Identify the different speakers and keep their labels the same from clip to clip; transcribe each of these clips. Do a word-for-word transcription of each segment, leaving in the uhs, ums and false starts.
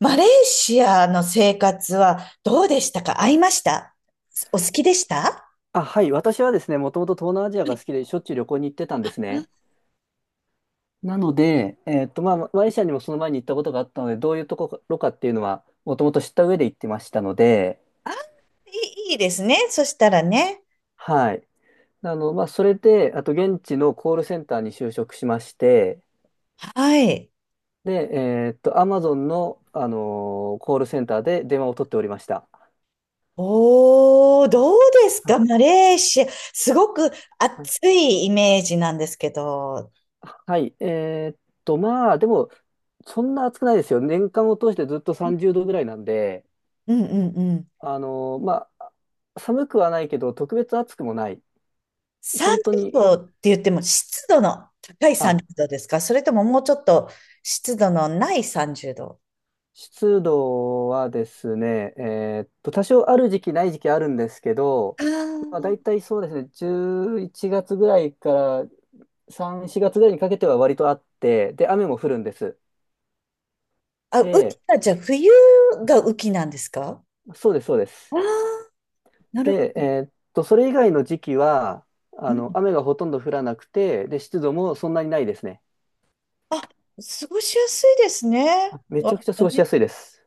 Speaker 1: マレーシアの生活はどうでしたか？合いましたお好きでした
Speaker 2: あ、はい。私はですね、もともと東南アジアが好きで、しょっちゅう旅行に行ってたんですね。
Speaker 1: あ
Speaker 2: なので、えーっと、まあ、マレーシアにもその前に行ったことがあったので、どういうところかっていうのは、もともと知った上で行ってましたので、
Speaker 1: あ、いいいいですね、そしたらね。
Speaker 2: はい。あの、まあ、それで、あと、現地のコールセンターに就職しまして、
Speaker 1: はい。
Speaker 2: で、えーっと、アマゾンの、あのーコールセンターで電話を取っておりました。
Speaker 1: おー、どうです
Speaker 2: あ
Speaker 1: かマレーシア。すごく暑
Speaker 2: あ、
Speaker 1: いイメージなんですけど。
Speaker 2: はい。えーっと、まあ、でも、そんな暑くないですよ。年間を通してずっとさんじゅうどぐらいなんで、
Speaker 1: うんうんうん。
Speaker 2: あの、まあ、寒くはないけど、特別暑くもない。本
Speaker 1: 30
Speaker 2: 当に、
Speaker 1: 度って言っても湿度の高い
Speaker 2: あ、
Speaker 1: さんじゅうどですか？それとももうちょっと湿度のないさんじゅうど？
Speaker 2: 湿度はですね、えーっと、多少ある時期ない時期あるんですけど、
Speaker 1: あ
Speaker 2: まあ、大
Speaker 1: ー、
Speaker 2: 体そうですね、じゅういちがつぐらいからさん、しがつぐらいにかけては割とあって、で、雨も降るんです。
Speaker 1: あ、雨季
Speaker 2: で、
Speaker 1: はじゃあ冬が雨季なんですか？
Speaker 2: そうです、そうで
Speaker 1: あ
Speaker 2: す。
Speaker 1: あー、なるほ
Speaker 2: で、
Speaker 1: ど。
Speaker 2: えーっと、それ以外の時期は、
Speaker 1: う
Speaker 2: あ
Speaker 1: ん、
Speaker 2: の、雨がほとんど降らなくて、で、湿度もそんなにないですね。
Speaker 1: あ、過ごしやすいですね。
Speaker 2: め
Speaker 1: わ、
Speaker 2: ちゃくちゃ過ごしやすいです。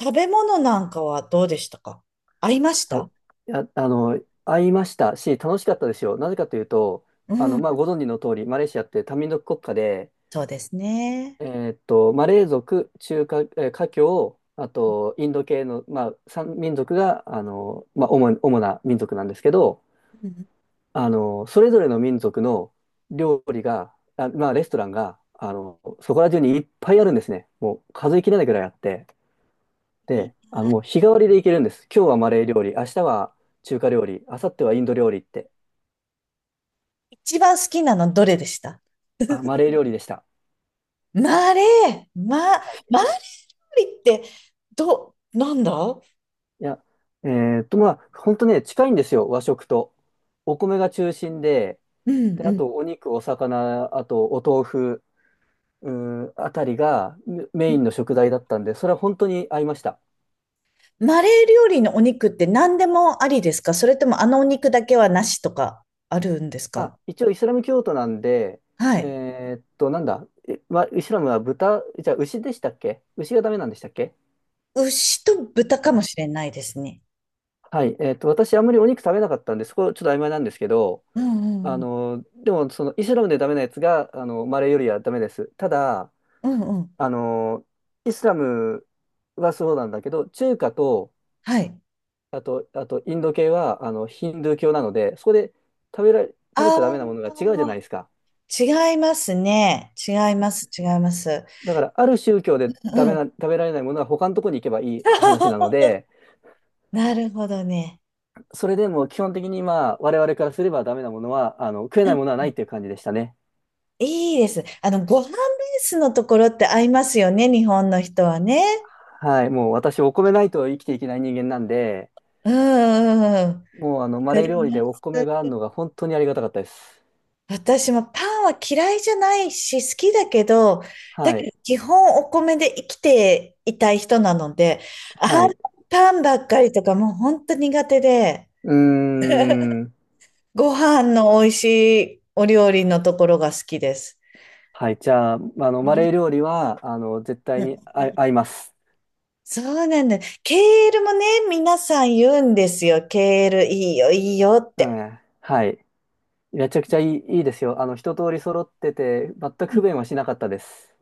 Speaker 1: 食べ物なんかはどうでしたか？合いまし
Speaker 2: あ、い
Speaker 1: た
Speaker 2: や、あの、会いましたし、楽しかったですよ。なぜかというと、
Speaker 1: う
Speaker 2: あの、
Speaker 1: ん、
Speaker 2: まあ、ご存知の通り、マレーシアって多民族国家で、
Speaker 1: そうですね。
Speaker 2: えーっと、マレー族、中華、えー華僑、あと、インド系の、まあ、さんみんぞくが、あの、まあ、主に、主な民族なんですけど、
Speaker 1: うん、
Speaker 2: あの、それぞれの民族の料理が、あ、まあ、レストランが、あの、そこら中にいっぱいあるんですね。もう数えきれないぐらいあって。
Speaker 1: いい
Speaker 2: で、あの、
Speaker 1: な。
Speaker 2: もう日替わりでいけるんです。今日はマレー料理、明日は中華料理、明後日はインド料理って。
Speaker 1: 一番好きなのどれでした？
Speaker 2: あ、マレー料理でした。
Speaker 1: マーレー、マ、
Speaker 2: はい。
Speaker 1: マーレー料理って、ど、なんだ。う
Speaker 2: いや、えーっと、まあ、本当ね、近いんですよ、和食と。お米が中心で、
Speaker 1: ん
Speaker 2: で、
Speaker 1: う
Speaker 2: あと
Speaker 1: ん。
Speaker 2: お肉、お魚、あとお豆腐、うーん、あたりがメメインの食材だったんで、それは本当に合いました。
Speaker 1: マーレー料理のお肉って何でもありですか？それともあのお肉だけはなしとかあるんです
Speaker 2: あ、
Speaker 1: か？
Speaker 2: 一応イスラム教徒なんで、
Speaker 1: はい。
Speaker 2: えーっと、なんだ、えまイスラムは豚、じゃあ牛でしたっけ？牛がダメなんでしたっけ？
Speaker 1: 牛と豚かもしれないですね。
Speaker 2: はい、えっと、私、あんまりお肉食べなかったんで、そこちょっと曖昧なんですけど、
Speaker 1: うんう
Speaker 2: あ
Speaker 1: んうん。
Speaker 2: の、でも、その、イスラムでダメなやつが、あの、マレーよりはダメです。ただ、
Speaker 1: うんうん。
Speaker 2: あの、イスラムはそうなんだけど、中華と、
Speaker 1: はい。
Speaker 2: あと、あと、インド系は、あの、ヒンドゥー教なので、そこで食べられ、食べち
Speaker 1: あ
Speaker 2: ゃダメ
Speaker 1: あ、
Speaker 2: なものが違うじゃないですか。
Speaker 1: 違いますね。違います、違います。
Speaker 2: だから、ある宗教で
Speaker 1: う
Speaker 2: ダメ
Speaker 1: ん。
Speaker 2: な、食べられないものは他のところに行けばいい話なの で、
Speaker 1: なるほどね。
Speaker 2: それでも基本的に、まあ、我々からすればダメなものは、あの、食え
Speaker 1: う
Speaker 2: ない
Speaker 1: ん、
Speaker 2: ものはないっていう感じでしたね。
Speaker 1: いいです。あの、ご飯ベースのところって合いますよね、日本の人はね。
Speaker 2: はい、もう私、お米ないと生きていけない人間なんで、
Speaker 1: うんうんうん、わ
Speaker 2: もうあの、マ
Speaker 1: か
Speaker 2: レー
Speaker 1: り
Speaker 2: 料理
Speaker 1: ま
Speaker 2: でお米があ
Speaker 1: す。
Speaker 2: るのが本当にありがたかったです。
Speaker 1: 私もパンは嫌いじゃないし、好きだけど、だ
Speaker 2: は
Speaker 1: け
Speaker 2: い、
Speaker 1: ど基本お米で生きていたい人なので、
Speaker 2: は
Speaker 1: あん
Speaker 2: い。
Speaker 1: パンばっかりとかもう本当苦手で。
Speaker 2: うーん。
Speaker 1: ご飯の美味しいお料理のところが好きです。
Speaker 2: はい、じゃあ、あの、
Speaker 1: う
Speaker 2: マレー
Speaker 1: ん
Speaker 2: 料理は、あの、絶対
Speaker 1: う
Speaker 2: に合い
Speaker 1: ん、
Speaker 2: 合います。
Speaker 1: そうなんだ。ケールもね、皆さん言うんですよ。ケールいいよ、いいよっ
Speaker 2: う
Speaker 1: て。
Speaker 2: ん、はい。めちゃくちゃいい、いいですよ。あの、一通り揃ってて、全く
Speaker 1: う
Speaker 2: 不
Speaker 1: ん、
Speaker 2: 便はしなかったです。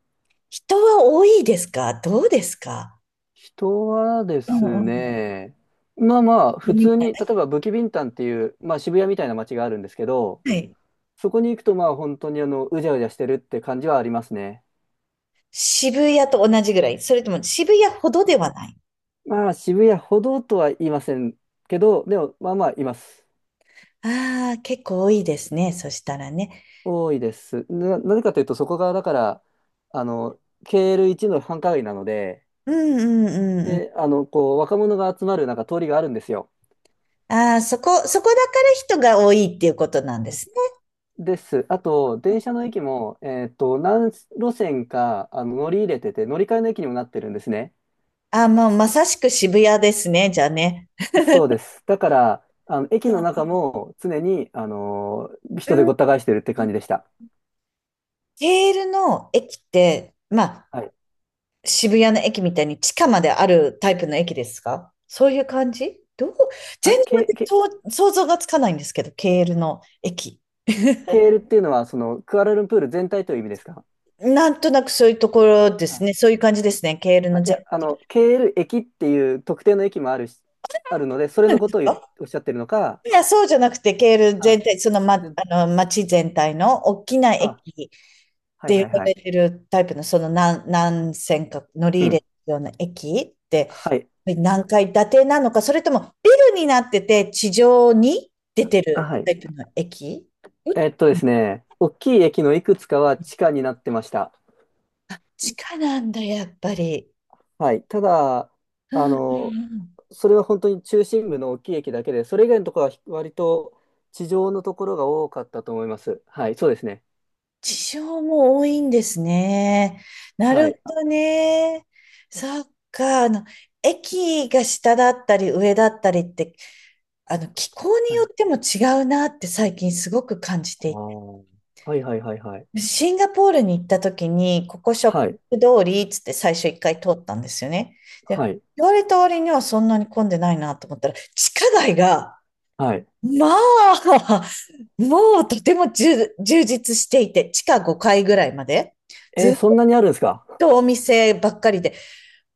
Speaker 1: 人は多いですか？どうですか？
Speaker 2: 人はで
Speaker 1: うん
Speaker 2: す
Speaker 1: うん、
Speaker 2: ね、まあまあ、
Speaker 1: 飲
Speaker 2: 普
Speaker 1: み、
Speaker 2: 通に、例えばブキビンタンっていう、まあ渋谷みたいな街があるんですけど、
Speaker 1: はい。
Speaker 2: そこに行くと、まあ本当にあの、うじゃうじゃしてるって感じはありますね。
Speaker 1: 渋谷と同じぐらい？それとも渋谷ほどではない？
Speaker 2: まあ渋谷ほどとは言いませんけど、でもまあまあいます。
Speaker 1: ああー、結構多いですね、そしたらね。
Speaker 2: 多いです。な、なぜかというと、そこがだから、あの、ケーエルワン の繁華街なので、
Speaker 1: うんうんうんうん。
Speaker 2: で、あの、こう、若者が集まるなんか通りがあるんですよ。
Speaker 1: ああ、そこ、そこだから人が多いっていうことなんですね。
Speaker 2: です。あと、電車の駅も、えっと、何路線か、あの、乗り入れてて、乗り換えの駅にもなってるんですね。
Speaker 1: ああ、もうまさしく渋谷ですね、じゃあね。
Speaker 2: そうです。だから、あの、駅
Speaker 1: そ
Speaker 2: の
Speaker 1: う、
Speaker 2: 中も常に、あのー
Speaker 1: う
Speaker 2: 人でごった返してるって感
Speaker 1: ん、
Speaker 2: じでした。
Speaker 1: ケールの駅って、まあ、
Speaker 2: はい。
Speaker 1: 渋谷の駅みたいに地下まであるタイプの駅ですか？そういう感じ？どう？全
Speaker 2: あ、
Speaker 1: 然
Speaker 2: ケ、ケ、
Speaker 1: そう想像がつかないんですけど、ケールの駅。
Speaker 2: ケールっていうのは、その、クアラルンプール全体という意味ですか？
Speaker 1: なんとなくそういうところです
Speaker 2: あ、
Speaker 1: ね。そういう感じですね。ケール
Speaker 2: あ
Speaker 1: の
Speaker 2: い
Speaker 1: 全
Speaker 2: や、
Speaker 1: 体
Speaker 2: あ
Speaker 1: 的に。
Speaker 2: の、ケール駅っていう特定の駅もあるし、あるので、それ
Speaker 1: そう
Speaker 2: の
Speaker 1: なん
Speaker 2: こ
Speaker 1: です
Speaker 2: とを言う
Speaker 1: か？
Speaker 2: おっしゃってるのか、
Speaker 1: いや、そうじゃなくて、ケール全
Speaker 2: あ、
Speaker 1: 体、その、ま、
Speaker 2: 全体。
Speaker 1: あの、街全体の大きな
Speaker 2: あ、
Speaker 1: 駅っ
Speaker 2: はい
Speaker 1: て
Speaker 2: はい
Speaker 1: 呼ば
Speaker 2: は
Speaker 1: れ
Speaker 2: い。
Speaker 1: てるタイプの、その何、何線か乗
Speaker 2: う
Speaker 1: り入れ
Speaker 2: ん。
Speaker 1: るような駅って、
Speaker 2: はい。
Speaker 1: 何階建てなのか、それともビルになってて地上に出て
Speaker 2: あ、
Speaker 1: る
Speaker 2: はい。
Speaker 1: タイプの駅？う、
Speaker 2: えっとですね、大きい駅のいくつかは地下になってました。
Speaker 1: 地下なんだ、やっぱり。
Speaker 2: はい。ただ、
Speaker 1: う
Speaker 2: あ
Speaker 1: んうんう
Speaker 2: の、
Speaker 1: ん。
Speaker 2: それは本当に中心部の大きい駅だけで、それ以外のところは割と地上のところが多かったと思います。はい、そうですね。
Speaker 1: 地上も多いんですね。な
Speaker 2: は
Speaker 1: る
Speaker 2: い。
Speaker 1: ほどね。そっか。あの、駅が下だったり上だったりって、あの、気候に
Speaker 2: は
Speaker 1: よ
Speaker 2: い。
Speaker 1: っても違うなって最近すごく感じ
Speaker 2: あ
Speaker 1: て
Speaker 2: あ、
Speaker 1: い、
Speaker 2: はいはいはいはい。
Speaker 1: シンガポールに行った時に、ここショッ
Speaker 2: は
Speaker 1: ピ
Speaker 2: い。
Speaker 1: ング通りっつって最初一回通ったんですよね。
Speaker 2: は
Speaker 1: で、
Speaker 2: い。
Speaker 1: 言われた割にはそんなに混んでないなと思ったら、地下街が、
Speaker 2: はい。
Speaker 1: まあ、もうとても充充実していて、地下ごかいぐらいまで、
Speaker 2: え
Speaker 1: ず
Speaker 2: ー、そん
Speaker 1: っ
Speaker 2: なにあるんですか？
Speaker 1: とお店ばっかりで、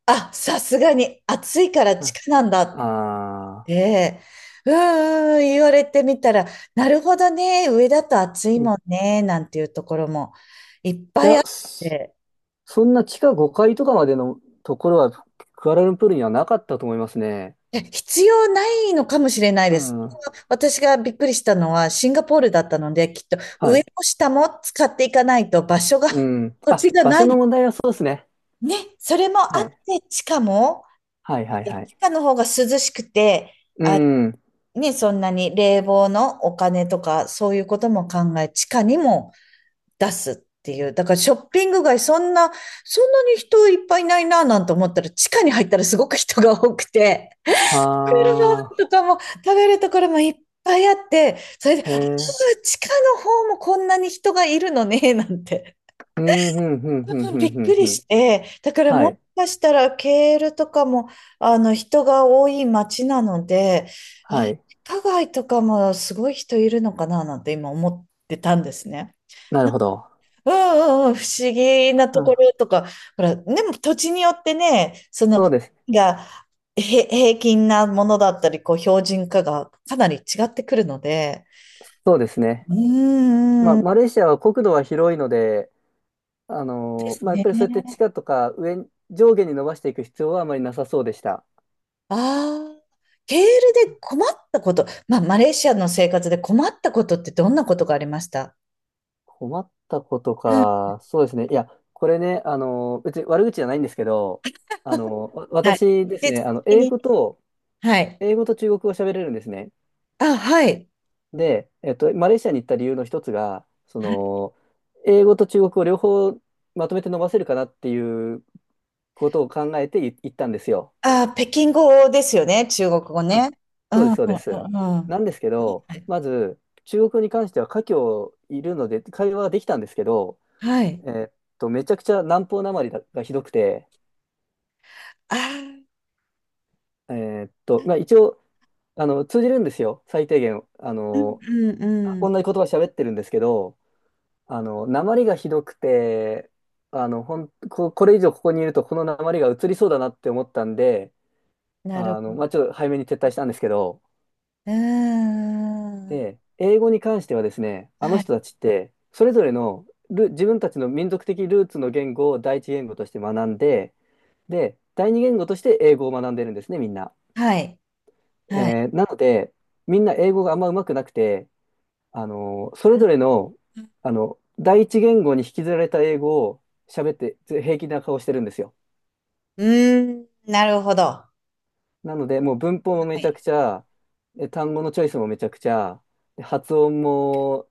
Speaker 1: あ、さすがに暑いから地下なんだ
Speaker 2: あ
Speaker 1: っ
Speaker 2: あ
Speaker 1: て、うーん、言われてみたら、なるほどね、上だと暑い
Speaker 2: ー、うん。い
Speaker 1: もんね、なんていうところもいっぱ
Speaker 2: や、
Speaker 1: いあっ
Speaker 2: そ
Speaker 1: て、
Speaker 2: そんな地下ごかいとかまでのところは、クアラルンプールにはなかったと思いますね。
Speaker 1: え、必要ないのかもしれない
Speaker 2: う
Speaker 1: です。
Speaker 2: ん。
Speaker 1: 私がびっくりしたのはシンガポールだったので、きっと
Speaker 2: は
Speaker 1: 上
Speaker 2: い。
Speaker 1: も下も使っていかないと場所が、
Speaker 2: う ん。
Speaker 1: 土地
Speaker 2: あ、
Speaker 1: が
Speaker 2: 場
Speaker 1: な
Speaker 2: 所の
Speaker 1: い。
Speaker 2: 問題はそうですね。
Speaker 1: ね、それもあ
Speaker 2: は
Speaker 1: っ
Speaker 2: い。
Speaker 1: て、地下も、
Speaker 2: はいはい
Speaker 1: え、
Speaker 2: はい。
Speaker 1: 地下の方が涼しくて、
Speaker 2: う
Speaker 1: あ、
Speaker 2: ん。
Speaker 1: ね、そんなに冷房のお金とか、そういうことも考え、地下にも出すっていう。だからショッピング街、そんな、そんなに人いっぱいいないな、なんて思ったら、地下に入ったらすごく人が多くて。
Speaker 2: は
Speaker 1: クルボンとかも食べるところもいっぱいあって、それで、
Speaker 2: あ、へ
Speaker 1: あ、
Speaker 2: え。
Speaker 1: 地下の方もこんなに人がいるのね、なんて。
Speaker 2: うん、ふん、ふん、ふん、
Speaker 1: う
Speaker 2: ふ
Speaker 1: ん、
Speaker 2: ん、
Speaker 1: び
Speaker 2: ふ
Speaker 1: っ
Speaker 2: ん、
Speaker 1: く
Speaker 2: ふ
Speaker 1: り
Speaker 2: ん。
Speaker 1: して、だから
Speaker 2: は
Speaker 1: もし
Speaker 2: い、
Speaker 1: かしたらケールとかもあの、人が多い町なので、あ、
Speaker 2: は
Speaker 1: 地
Speaker 2: い。
Speaker 1: 下街とかもすごい人いるのかな、なんて今思ってたんですね。
Speaker 2: なるほど。
Speaker 1: うんうんうん、不思議なとこ
Speaker 2: あ、
Speaker 1: ろとか、ほら、でも土地によってね、その、
Speaker 2: そうです。
Speaker 1: が、へ、平均なものだったり、こう、標準化がかなり違ってくるので、
Speaker 2: そうですね。
Speaker 1: う
Speaker 2: まあ、
Speaker 1: ー
Speaker 2: マ
Speaker 1: ん、
Speaker 2: レーシアは国土は広いので、あ
Speaker 1: で
Speaker 2: の
Speaker 1: す
Speaker 2: ーまあ、やっ
Speaker 1: ね。
Speaker 2: ぱりそうやって地下とか上に、上下に伸ばしていく必要はあまりなさそうでした。
Speaker 1: ああ、ケールで困ったこと、まあ、マレーシアの生活で困ったことってどんなことがありました？
Speaker 2: 困ったこと
Speaker 1: うん。
Speaker 2: か。そうですね。いや、これね、あのー別に悪口じゃないんですけど、あのーわ
Speaker 1: はい。
Speaker 2: 私です
Speaker 1: で、
Speaker 2: ね、あの、
Speaker 1: 次
Speaker 2: 英
Speaker 1: に、
Speaker 2: 語と、
Speaker 1: はい。
Speaker 2: 英語と中国語を喋れるんですね。
Speaker 1: あ、はい。
Speaker 2: で、えっと、マレーシアに行った理由の一つが、その、英語と中国語両方まとめて伸ばせるかなっていうことを考えてい行ったんですよ。
Speaker 1: あ、北京語ですよね、中国語
Speaker 2: あ、
Speaker 1: ね。う
Speaker 2: そうで
Speaker 1: ん、う
Speaker 2: す、
Speaker 1: ん、
Speaker 2: そうです。
Speaker 1: うん。うん、
Speaker 2: なんですけど、
Speaker 1: はい。
Speaker 2: まず、中国語に関しては華僑いるので、会話ができたんですけど、
Speaker 1: はい。
Speaker 2: えーっと、めちゃくちゃ南方なまりががひどくて、
Speaker 1: ああ、
Speaker 2: えーっと、まあ一応、あの、通じるんですよ、最低限。あ
Speaker 1: うん
Speaker 2: の、
Speaker 1: うん
Speaker 2: あ
Speaker 1: う
Speaker 2: 同
Speaker 1: ん。
Speaker 2: じ言葉喋ってるんですけど、あの、訛りがひどくて、あの、ほん、こ、これ以上ここにいると、この訛りが移りそうだなって思ったんで、
Speaker 1: なるほ
Speaker 2: あの、まあ、ち
Speaker 1: ど。
Speaker 2: ょっと早めに撤退したんですけど、
Speaker 1: うーん。
Speaker 2: で、英語に関してはですね、あの
Speaker 1: はい。
Speaker 2: 人たちって、それぞれのル、自分たちの民族的ルーツの言語を第一言語として学んで、で、だいにげんごとして英語を学んでるんですね、みんな。
Speaker 1: はい。はい。
Speaker 2: えー、なので、みんな英語があんま上手くなくて、あの、それぞれの、あの、第一言語に引きずられた英語を喋ってず平気な顔してるんですよ。
Speaker 1: うーん。なるほど。は
Speaker 2: なので、もう文法もめちゃく
Speaker 1: い。
Speaker 2: ちゃ、で単語のチョイスもめちゃくちゃ、で発音も、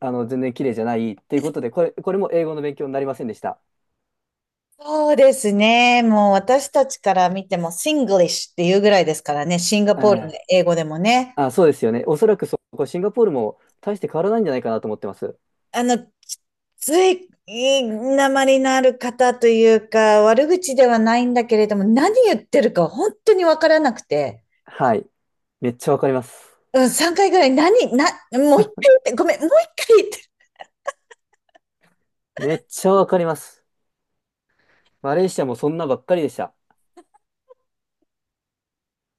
Speaker 2: あの、全然綺麗じゃないっていうことで、これ、これも英語の勉強になりませんでした。
Speaker 1: そうですね。もう私たちから見ても、シングリッシュっていうぐらいですからね、シンガ
Speaker 2: え
Speaker 1: ポールの
Speaker 2: え、
Speaker 1: 英語でもね。
Speaker 2: あ、そうですよね。おそらくそこ、シンガポールも大して変わらないんじゃないかなと思ってます。
Speaker 1: あの、きつい、いい訛りのある方というか、悪口ではないんだけれども、何言ってるか本当にわからなくて。
Speaker 2: はい。めっちゃわかります。
Speaker 1: うん、さんかいぐらい、何、な、もう一回言って、ごめん、もう一回
Speaker 2: めっちゃわかります。マレーシアもそんなばっかりでした。